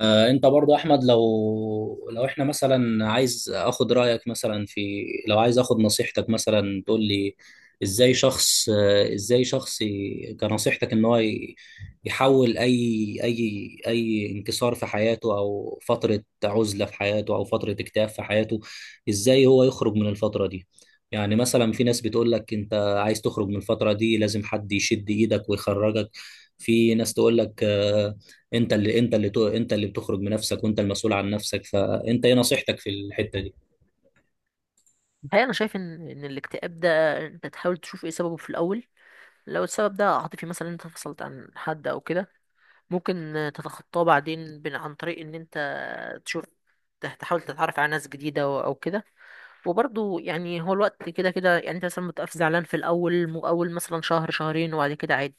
انت برضو احمد لو احنا مثلا عايز اخد رايك مثلا في لو عايز اخد نصيحتك مثلا تقول لي ازاي شخص ازاي شخص كنصيحتك ان هو يحول اي انكسار في حياته او فتره عزله في حياته او فتره اكتئاب في حياته، ازاي هو يخرج من الفتره دي؟ يعني مثلا في ناس بتقول لك انت عايز تخرج من الفتره دي لازم حد يشد ايدك ويخرجك، في ناس تقول لك انت اللي انت اللي بتخرج بنفسك وانت المسؤول عن نفسك، فانت ايه نصيحتك في الحتة دي؟ الحقيقة أنا شايف إن الاكتئاب ده أنت تحاول تشوف إيه سببه في الأول. لو السبب ده عاطفي مثلا أنت فصلت عن حد أو كده ممكن تتخطاه بعدين عن طريق إن أنت تشوف، تحاول تتعرف على ناس جديدة أو كده. وبرضه يعني هو الوقت كده كده، يعني أنت مثلا بتبقى زعلان في الأول، أول مثلا شهر شهرين وبعد كده عادي.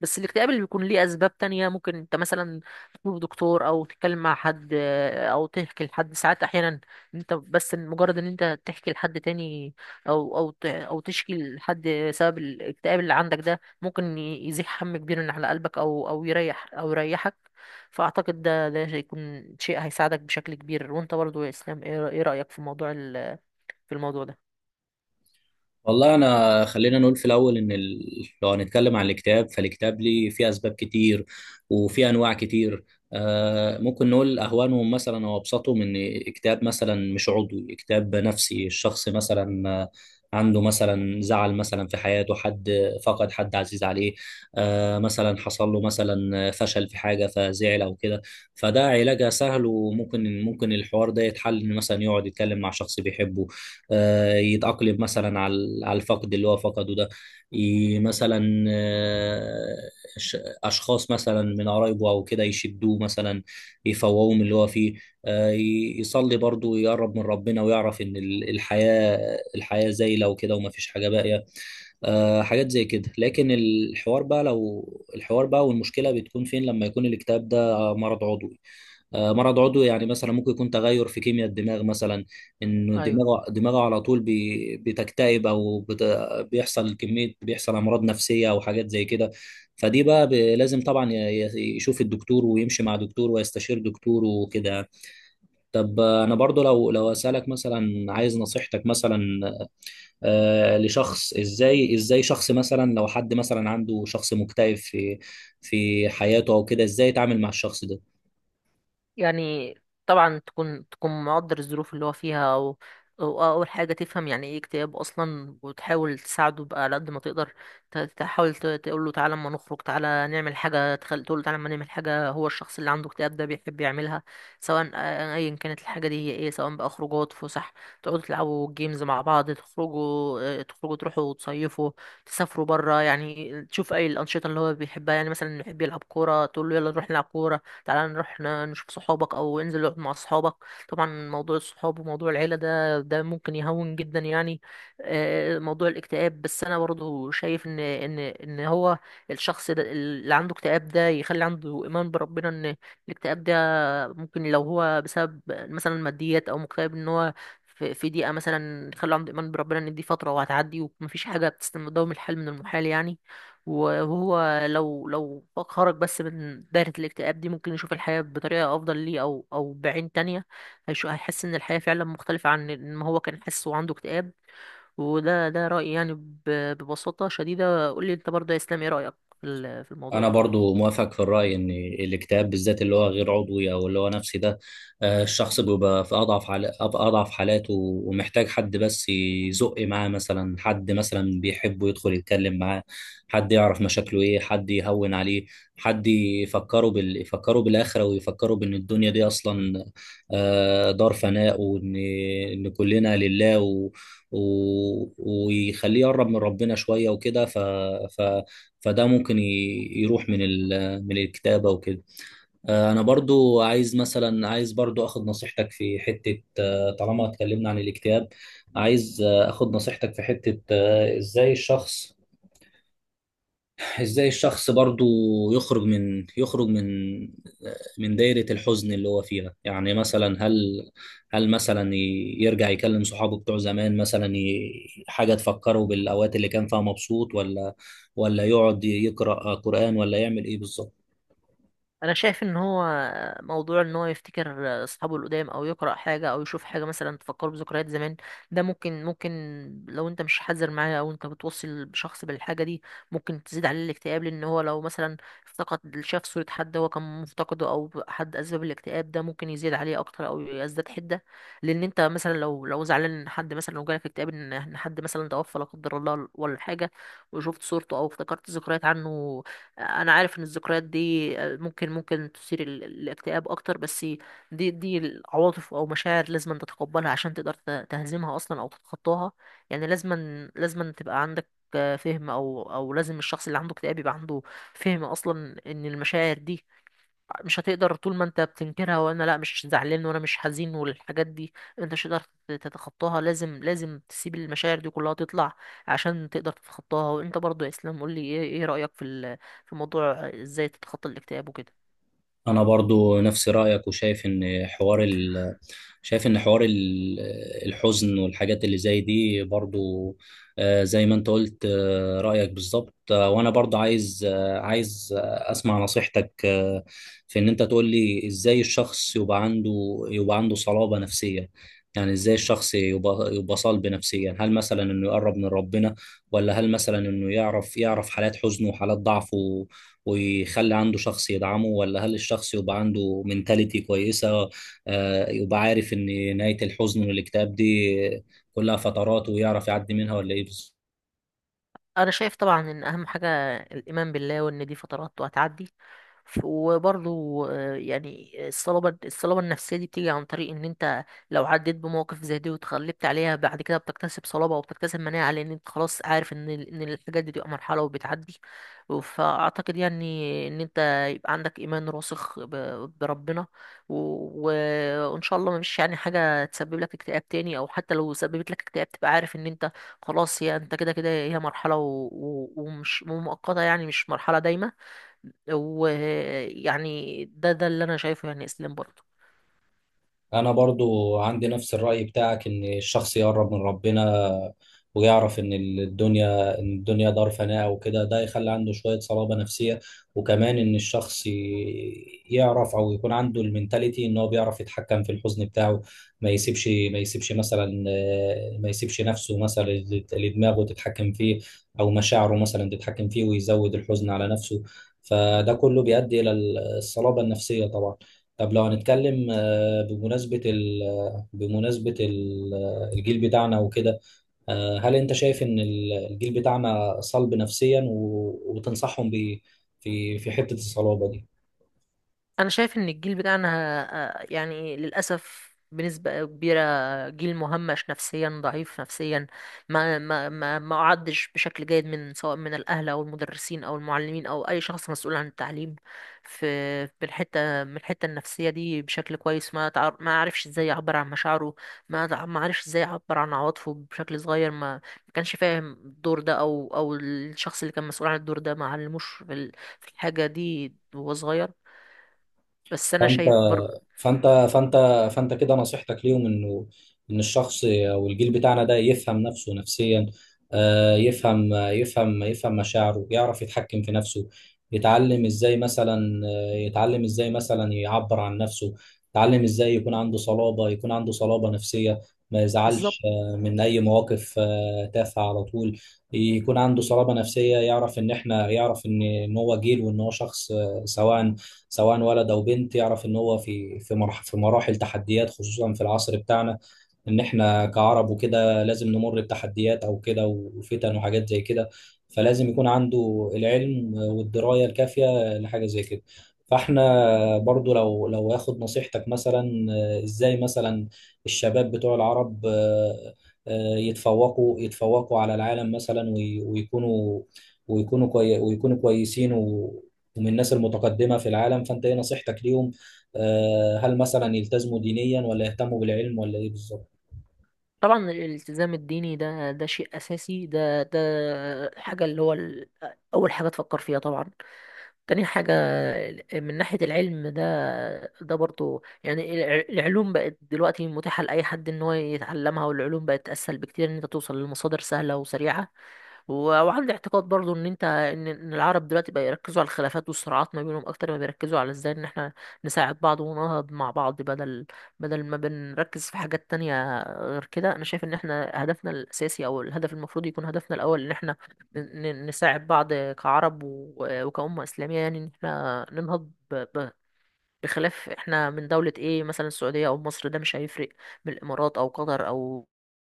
بس الاكتئاب اللي بيكون ليه اسباب تانية ممكن انت مثلا تزور دكتور او تتكلم مع حد، آه، او تحكي لحد ساعات احيانا. انت بس مجرد ان انت تحكي لحد تاني او تشكي لحد سبب الاكتئاب اللي عندك ده ممكن يزيح هم كبير من على قلبك او يريحك. فاعتقد ده هيكون شيء هيساعدك بشكل كبير. وانت برضه يا اسلام، إيه رأيك في في الموضوع ده؟ والله انا خلينا نقول في الاول ان لو هنتكلم عن الكتاب فالكتاب ليه فيه اسباب كتير وفيه انواع كتير. آه ممكن نقول اهوانهم مثلا او ابسطهم ان كتاب مثلا مش عضوي، كتاب نفسي، الشخص مثلا عنده مثلا زعل مثلا في حياته، حد فقد حد عزيز عليه، آه مثلا حصل له مثلا فشل في حاجه فزعل او كده، فده علاجها سهل، وممكن الحوار ده يتحل إن مثلا يقعد يتكلم مع شخص بيحبه، يتأقلم مثلا على الفقد اللي هو فقده ده، ي- مثلا آه، ش- أشخاص مثلا من قرايبه أو كده يشدوه مثلا، يفوقوه من اللي هو فيه، يصلي برضه ويقرب من ربنا ويعرف إن الحياة، الحياة زايلة وكده ومفيش حاجة باقية، حاجات زي كده. لكن الحوار بقى لو الحوار بقى والمشكلة بتكون فين لما يكون الاكتئاب ده مرض عضوي. مرض عضوي يعني مثلا ممكن يكون تغير في كيمياء الدماغ مثلا، انه ايوه. دماغه على طول بتكتئب او بيحصل كمية، بيحصل امراض نفسية او حاجات زي كده. فدي بقى لازم طبعا يشوف الدكتور ويمشي مع دكتور ويستشير دكتور وكده يعني. طب انا برضو لو اسالك مثلا عايز نصيحتك مثلا، لشخص، ازاي شخص مثلا لو حد مثلا عنده شخص مكتئب في في حياته او كده، ازاي يتعامل مع الشخص ده؟ يعني طبعا تكون مقدر الظروف اللي هو فيها، وأول حاجة تفهم يعني إيه اكتئاب أصلا وتحاول تساعده بقى على قد ما تقدر. تحاول تقول له تعالى أما نخرج، تعالى نعمل حاجة تقول له تعالى أما نعمل حاجة هو الشخص اللي عنده اكتئاب ده بيحب يعملها، سواء، آه، أيا كانت الحاجة دي هي إيه، سواء بقى خروجات فسح، تقعدوا تلعبوا جيمز مع بعض، تخرجوا، آه، تخرجوا تروحوا تصيفوا، تسافروا برا، يعني تشوف أي الأنشطة اللي هو بيحبها. يعني مثلا يحب يلعب كورة تقول له يلا نروح نلعب كورة، تعالى نروح نشوف صحابك او انزل اقعد مع صحابك. طبعا موضوع الصحاب وموضوع العيله ده ممكن يهون جدا يعني، آه، موضوع الاكتئاب. بس انا برضه شايف ان هو الشخص ده اللي عنده اكتئاب ده يخلي عنده ايمان بربنا ان الاكتئاب ده ممكن لو هو بسبب مثلا ماديات او مكتئب ان هو في ضيقه، مثلا خلوا عنده ايمان بربنا ان دي فتره وهتعدي ومفيش حاجه بتستلم، دوام الحال من المحال يعني. وهو لو خرج بس من دايره الاكتئاب دي ممكن يشوف الحياه بطريقه افضل ليه، او بعين تانية. هيحس ان الحياه فعلا مختلفه عن ما هو كان حاسس وعنده اكتئاب. وده رايي يعني، ببساطه شديده. قول لي انت برضه يا اسلام، ايه رايك في في الموضوع انا ده؟ برضو موافق في الراي ان الاكتئاب بالذات اللي هو غير عضوي او اللي هو نفسي ده، الشخص بيبقى في في اضعف حالاته ومحتاج حد بس يزق معاه، مثلا حد مثلا بيحبه يدخل يتكلم معاه، حد يعرف مشاكله ايه، حد يهون عليه، حد يفكره يفكره بالاخره ويفكره بان الدنيا دي اصلا دار فناء، وان ان كلنا لله ويخليه يقرب من ربنا شويه وكده. ف... فده ممكن يروح من من الكتابة وكده. انا برضو عايز مثلا، عايز برضو اخد نصيحتك في حتة، طالما اتكلمنا عن الاكتئاب، عايز اخد نصيحتك في حتة، ازاي الشخص، ازاي الشخص برضو يخرج من يخرج من من دايرة الحزن اللي هو فيها. يعني مثلا هل، هل مثلا يرجع يكلم صحابه بتوع زمان مثلا، حاجة تفكره بالأوقات اللي كان فيها مبسوط، ولا ولا يقعد يقرأ قرآن، ولا يعمل ايه بالظبط؟ انا شايف ان هو موضوع ان هو يفتكر اصحابه القدام او يقرا حاجه او يشوف حاجه مثلا تفكره بذكريات زمان، ده ممكن لو انت مش حذر معاه او انت بتوصل بشخص بالحاجه دي ممكن تزيد عليه الاكتئاب. لان هو لو مثلا افتقد، شاف صوره حد هو كان مفتقده او حد اسباب الاكتئاب ده ممكن يزيد عليه اكتر او يزداد حده. لان انت مثلا لو زعلان ان حد، مثلا لو جالك اكتئاب ان حد مثلا توفى لا قدر الله ولا حاجه، وشفت صورته او افتكرت ذكريات عنه، انا عارف ان الذكريات دي، آه، ممكن تثير الاكتئاب اكتر. بس دي العواطف او مشاعر لازم أن تتقبلها عشان تقدر تهزمها اصلا او تتخطاها. يعني لازم لازم أن تبقى عندك، آه، فهم، او لازم الشخص اللي عنده اكتئاب يبقى عنده فهم اصلا ان المشاعر دي مش هتقدر، طول ما انت بتنكرها وانا لا مش زعلان وانا مش حزين والحاجات دي، انت مش هتقدر تتخطاها. لازم تسيب المشاعر دي كلها تطلع عشان تقدر تتخطاها. وانت برضو يا اسلام قول لي ايه رأيك في في موضوع ازاي تتخطى الاكتئاب وكده؟ انا برضو نفس رايك وشايف ان حوار شايف ان حوار الحزن والحاجات اللي زي دي برضو، زي ما انت قلت، رايك بالظبط. وانا برضو عايز، اسمع نصيحتك، في ان انت تقول لي ازاي الشخص يبقى عنده، يبقى عنده صلابة نفسية. يعني ازاي الشخص يبقى صلب نفسيا، هل مثلا انه يقرب من ربنا، ولا هل مثلا انه يعرف، يعرف حالات حزنه وحالات ضعفه ويخلي عنده شخص يدعمه، ولا هل الشخص يبقى عنده منتاليتي كويسة، يبقى عارف إن نهاية الحزن والاكتئاب دي كلها فترات ويعرف يعدي منها، ولا إيه؟ انا شايف طبعا ان اهم حاجه الايمان بالله وان دي فترات وهتعدي. وبرضو آه، يعني الصلابه النفسيه دي بتيجي عن طريق ان انت لو عديت بمواقف زي دي وتغلبت عليها، بعد كده بتكتسب صلابه وبتكتسب مناعه لان انت خلاص عارف ان الحاجات دي بتبقى مرحله وبتعدي. فاعتقد يعني ان انت يبقى عندك ايمان راسخ بربنا، و- و- وان شاء الله مش يعني حاجه تسبب لك اكتئاب تاني، او حتى لو سببت لك اكتئاب تبقى عارف ان انت خلاص، هي انت كده كده هي مرحلة ومش ومؤقتة يعني مش مرحلة دايمة. ويعني ده اللي انا شايفه يعني اسلام برضه. أنا برضو عندي نفس الرأي بتاعك إن الشخص يقرب من ربنا ويعرف إن الدنيا، إن الدنيا دار فناء وكده، ده يخلي عنده شوية صلابة نفسية. وكمان إن الشخص يعرف أو يكون عنده المنتاليتي إن هو بيعرف يتحكم في الحزن بتاعه، ما يسيبش مثلا، ما يسيبش نفسه مثلا، لدماغه تتحكم فيه، أو مشاعره مثلا تتحكم فيه ويزود الحزن على نفسه. فده كله بيؤدي إلى الصلابة النفسية طبعا. طب لو هنتكلم بمناسبة ال الجيل بتاعنا وكده، هل أنت شايف إن الجيل بتاعنا صلب نفسيا وتنصحهم بإيه في في حتة الصلابة دي؟ انا شايف ان الجيل بتاعنا، آه، يعني للاسف بنسبة كبيرة جيل مهمش نفسيا، ضعيف نفسيا، ما أعدش بشكل جيد، من، سواء من الأهل أو المدرسين أو المعلمين أو أي شخص مسؤول عن التعليم في في الحتة من الحتة النفسية دي بشكل كويس. ما تعر، ما عرفش إزاي يعبر عن مشاعره، ما عرفش إزاي يعبر عن عواطفه بشكل صغير، ما كانش فاهم الدور ده، أو الشخص اللي كان مسؤول عن الدور ده ما علموش في في الحاجة دي وهو صغير. بس انا فأنت شايف برضه. فانت فانت فانت كده نصيحتك ليهم انه ان الشخص او الجيل بتاعنا ده يفهم نفسه نفسيا، يفهم يفهم مشاعره، يعرف يتحكم في نفسه، يتعلم ازاي مثلا، يتعلم ازاي مثلا يعبر عن نفسه، يتعلم ازاي يكون عنده صلابة يكون عنده صلابة نفسية، ما يزعلش بالظبط. من اي مواقف تافهة على طول، يكون عنده صلابة نفسية، يعرف ان احنا، يعرف ان إن هو جيل وان هو شخص، سواء ولد او بنت، يعرف ان هو في في في مراحل تحديات خصوصا في العصر بتاعنا، ان احنا كعرب وكده لازم نمر بتحديات او كده وفتن وحاجات زي كده، فلازم يكون عنده العلم والدراية الكافية لحاجة زي كده. فاحنا برضو لو اخد نصيحتك مثلا، ازاي مثلا الشباب بتوع العرب، يتفوقوا يتفوقوا على العالم مثلا ويكونوا، ويكونوا كوي ويكونوا كويسين ومن الناس المتقدمة في العالم، فانت ايه نصيحتك ليهم؟ هل مثلا يلتزموا دينيا، ولا يهتموا بالعلم، ولا ايه بالظبط؟ طبعا الالتزام الديني ده، ده شيء اساسي، ده حاجه اللي هو اول حاجه تفكر فيها طبعا. تاني حاجه من ناحيه العلم ده، ده برضه يعني، العلوم بقت دلوقتي متاحه لاي حد ان هو يتعلمها، والعلوم بقت اسهل بكتير ان انت توصل لمصادر سهله وسريعه. وعندي اعتقاد برضو ان انت ان العرب دلوقتي بقى يركزوا على الخلافات والصراعات ما بينهم اكتر ما بيركزوا على ازاي ان احنا نساعد بعض وننهض مع بعض، بدل ما بنركز في حاجات تانية غير كده. انا شايف ان احنا هدفنا الاساسي او الهدف المفروض يكون هدفنا الاول ان احنا نساعد بعض كعرب وكأمة اسلامية، يعني ان احنا ننهض بخلاف احنا من دولة ايه مثلا، السعودية او مصر ده مش هيفرق، من الامارات او قطر او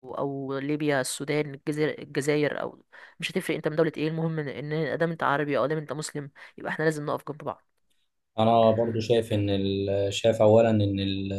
او ليبيا، السودان، الجزائر، الجزائر، او مش هتفرق انت من دولة ايه، المهم ان ادام انت عربي او ادام انت مسلم يبقى احنا لازم نقف جنب بعض. انا برضو شايف ان شايف اولا ان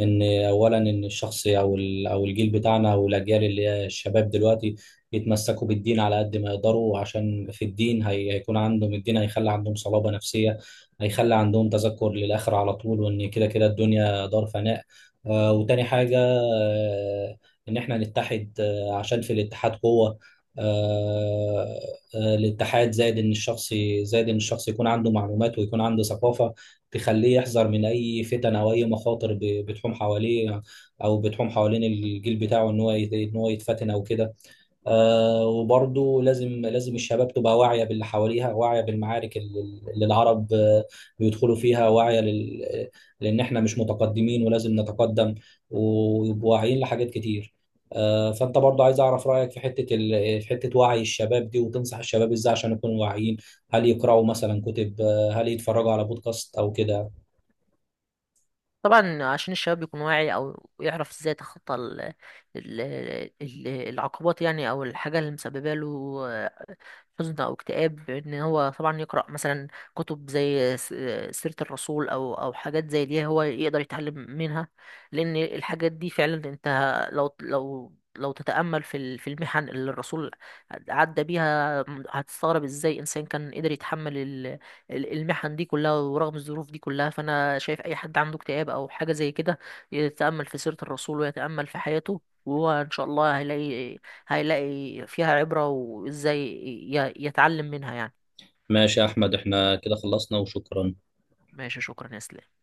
ان اولا ان الشخص او او الجيل بتاعنا او الاجيال اللي هي الشباب دلوقتي يتمسكوا بالدين على قد ما يقدروا، عشان في الدين هيكون عندهم الدين هيخلي عندهم صلابة نفسية، هيخلي عندهم تذكر للآخرة على طول، وان كده كده الدنيا دار فناء. آه، وتاني حاجة آه ان احنا نتحد آه عشان في الاتحاد قوة. آه، الاتحاد، زائد ان الشخص زائد ان الشخص يكون عنده معلومات ويكون عنده ثقافه تخليه يحذر من اي فتن او اي مخاطر بتحوم حواليه او بتحوم حوالين الجيل بتاعه ان هو ان هو يتفتن او كده. وبرضو لازم الشباب تبقى واعية باللي حواليها، واعية بالمعارك اللي العرب بيدخلوا فيها، واعية لأن إحنا مش متقدمين ولازم نتقدم، ويبقوا واعيين لحاجات كتير. فأنت برضو عايز أعرف رأيك في حتة في حتة وعي الشباب دي، وتنصح الشباب إزاي عشان يكونوا واعيين؟ هل يقرأوا مثلا كتب، هل يتفرجوا على بودكاست أو كده؟ طبعا عشان الشباب يكون واعي او يعرف ازاي يتخطى ال- العقبات يعني، او الحاجة اللي مسببه له حزن او اكتئاب، ان هو طبعا يقرا مثلا كتب زي، سيره الرسول او حاجات زي دي هو يقدر يتعلم منها. لان الحاجات دي فعلا انت لو تتامل في في المحن اللي الرسول عدى بيها، هتستغرب ازاي انسان كان قدر يتحمل المحن دي كلها، ورغم الظروف دي كلها. فانا شايف اي حد عنده اكتئاب او حاجه زي كده يتامل في سيره الرسول ويتامل في حياته، وهو ان شاء الله هيلاقي فيها عبرة، وازاي يتعلم منها يعني. ماشي يا أحمد، إحنا كده خلصنا وشكرا. ماشي، شكرا يا اسلام.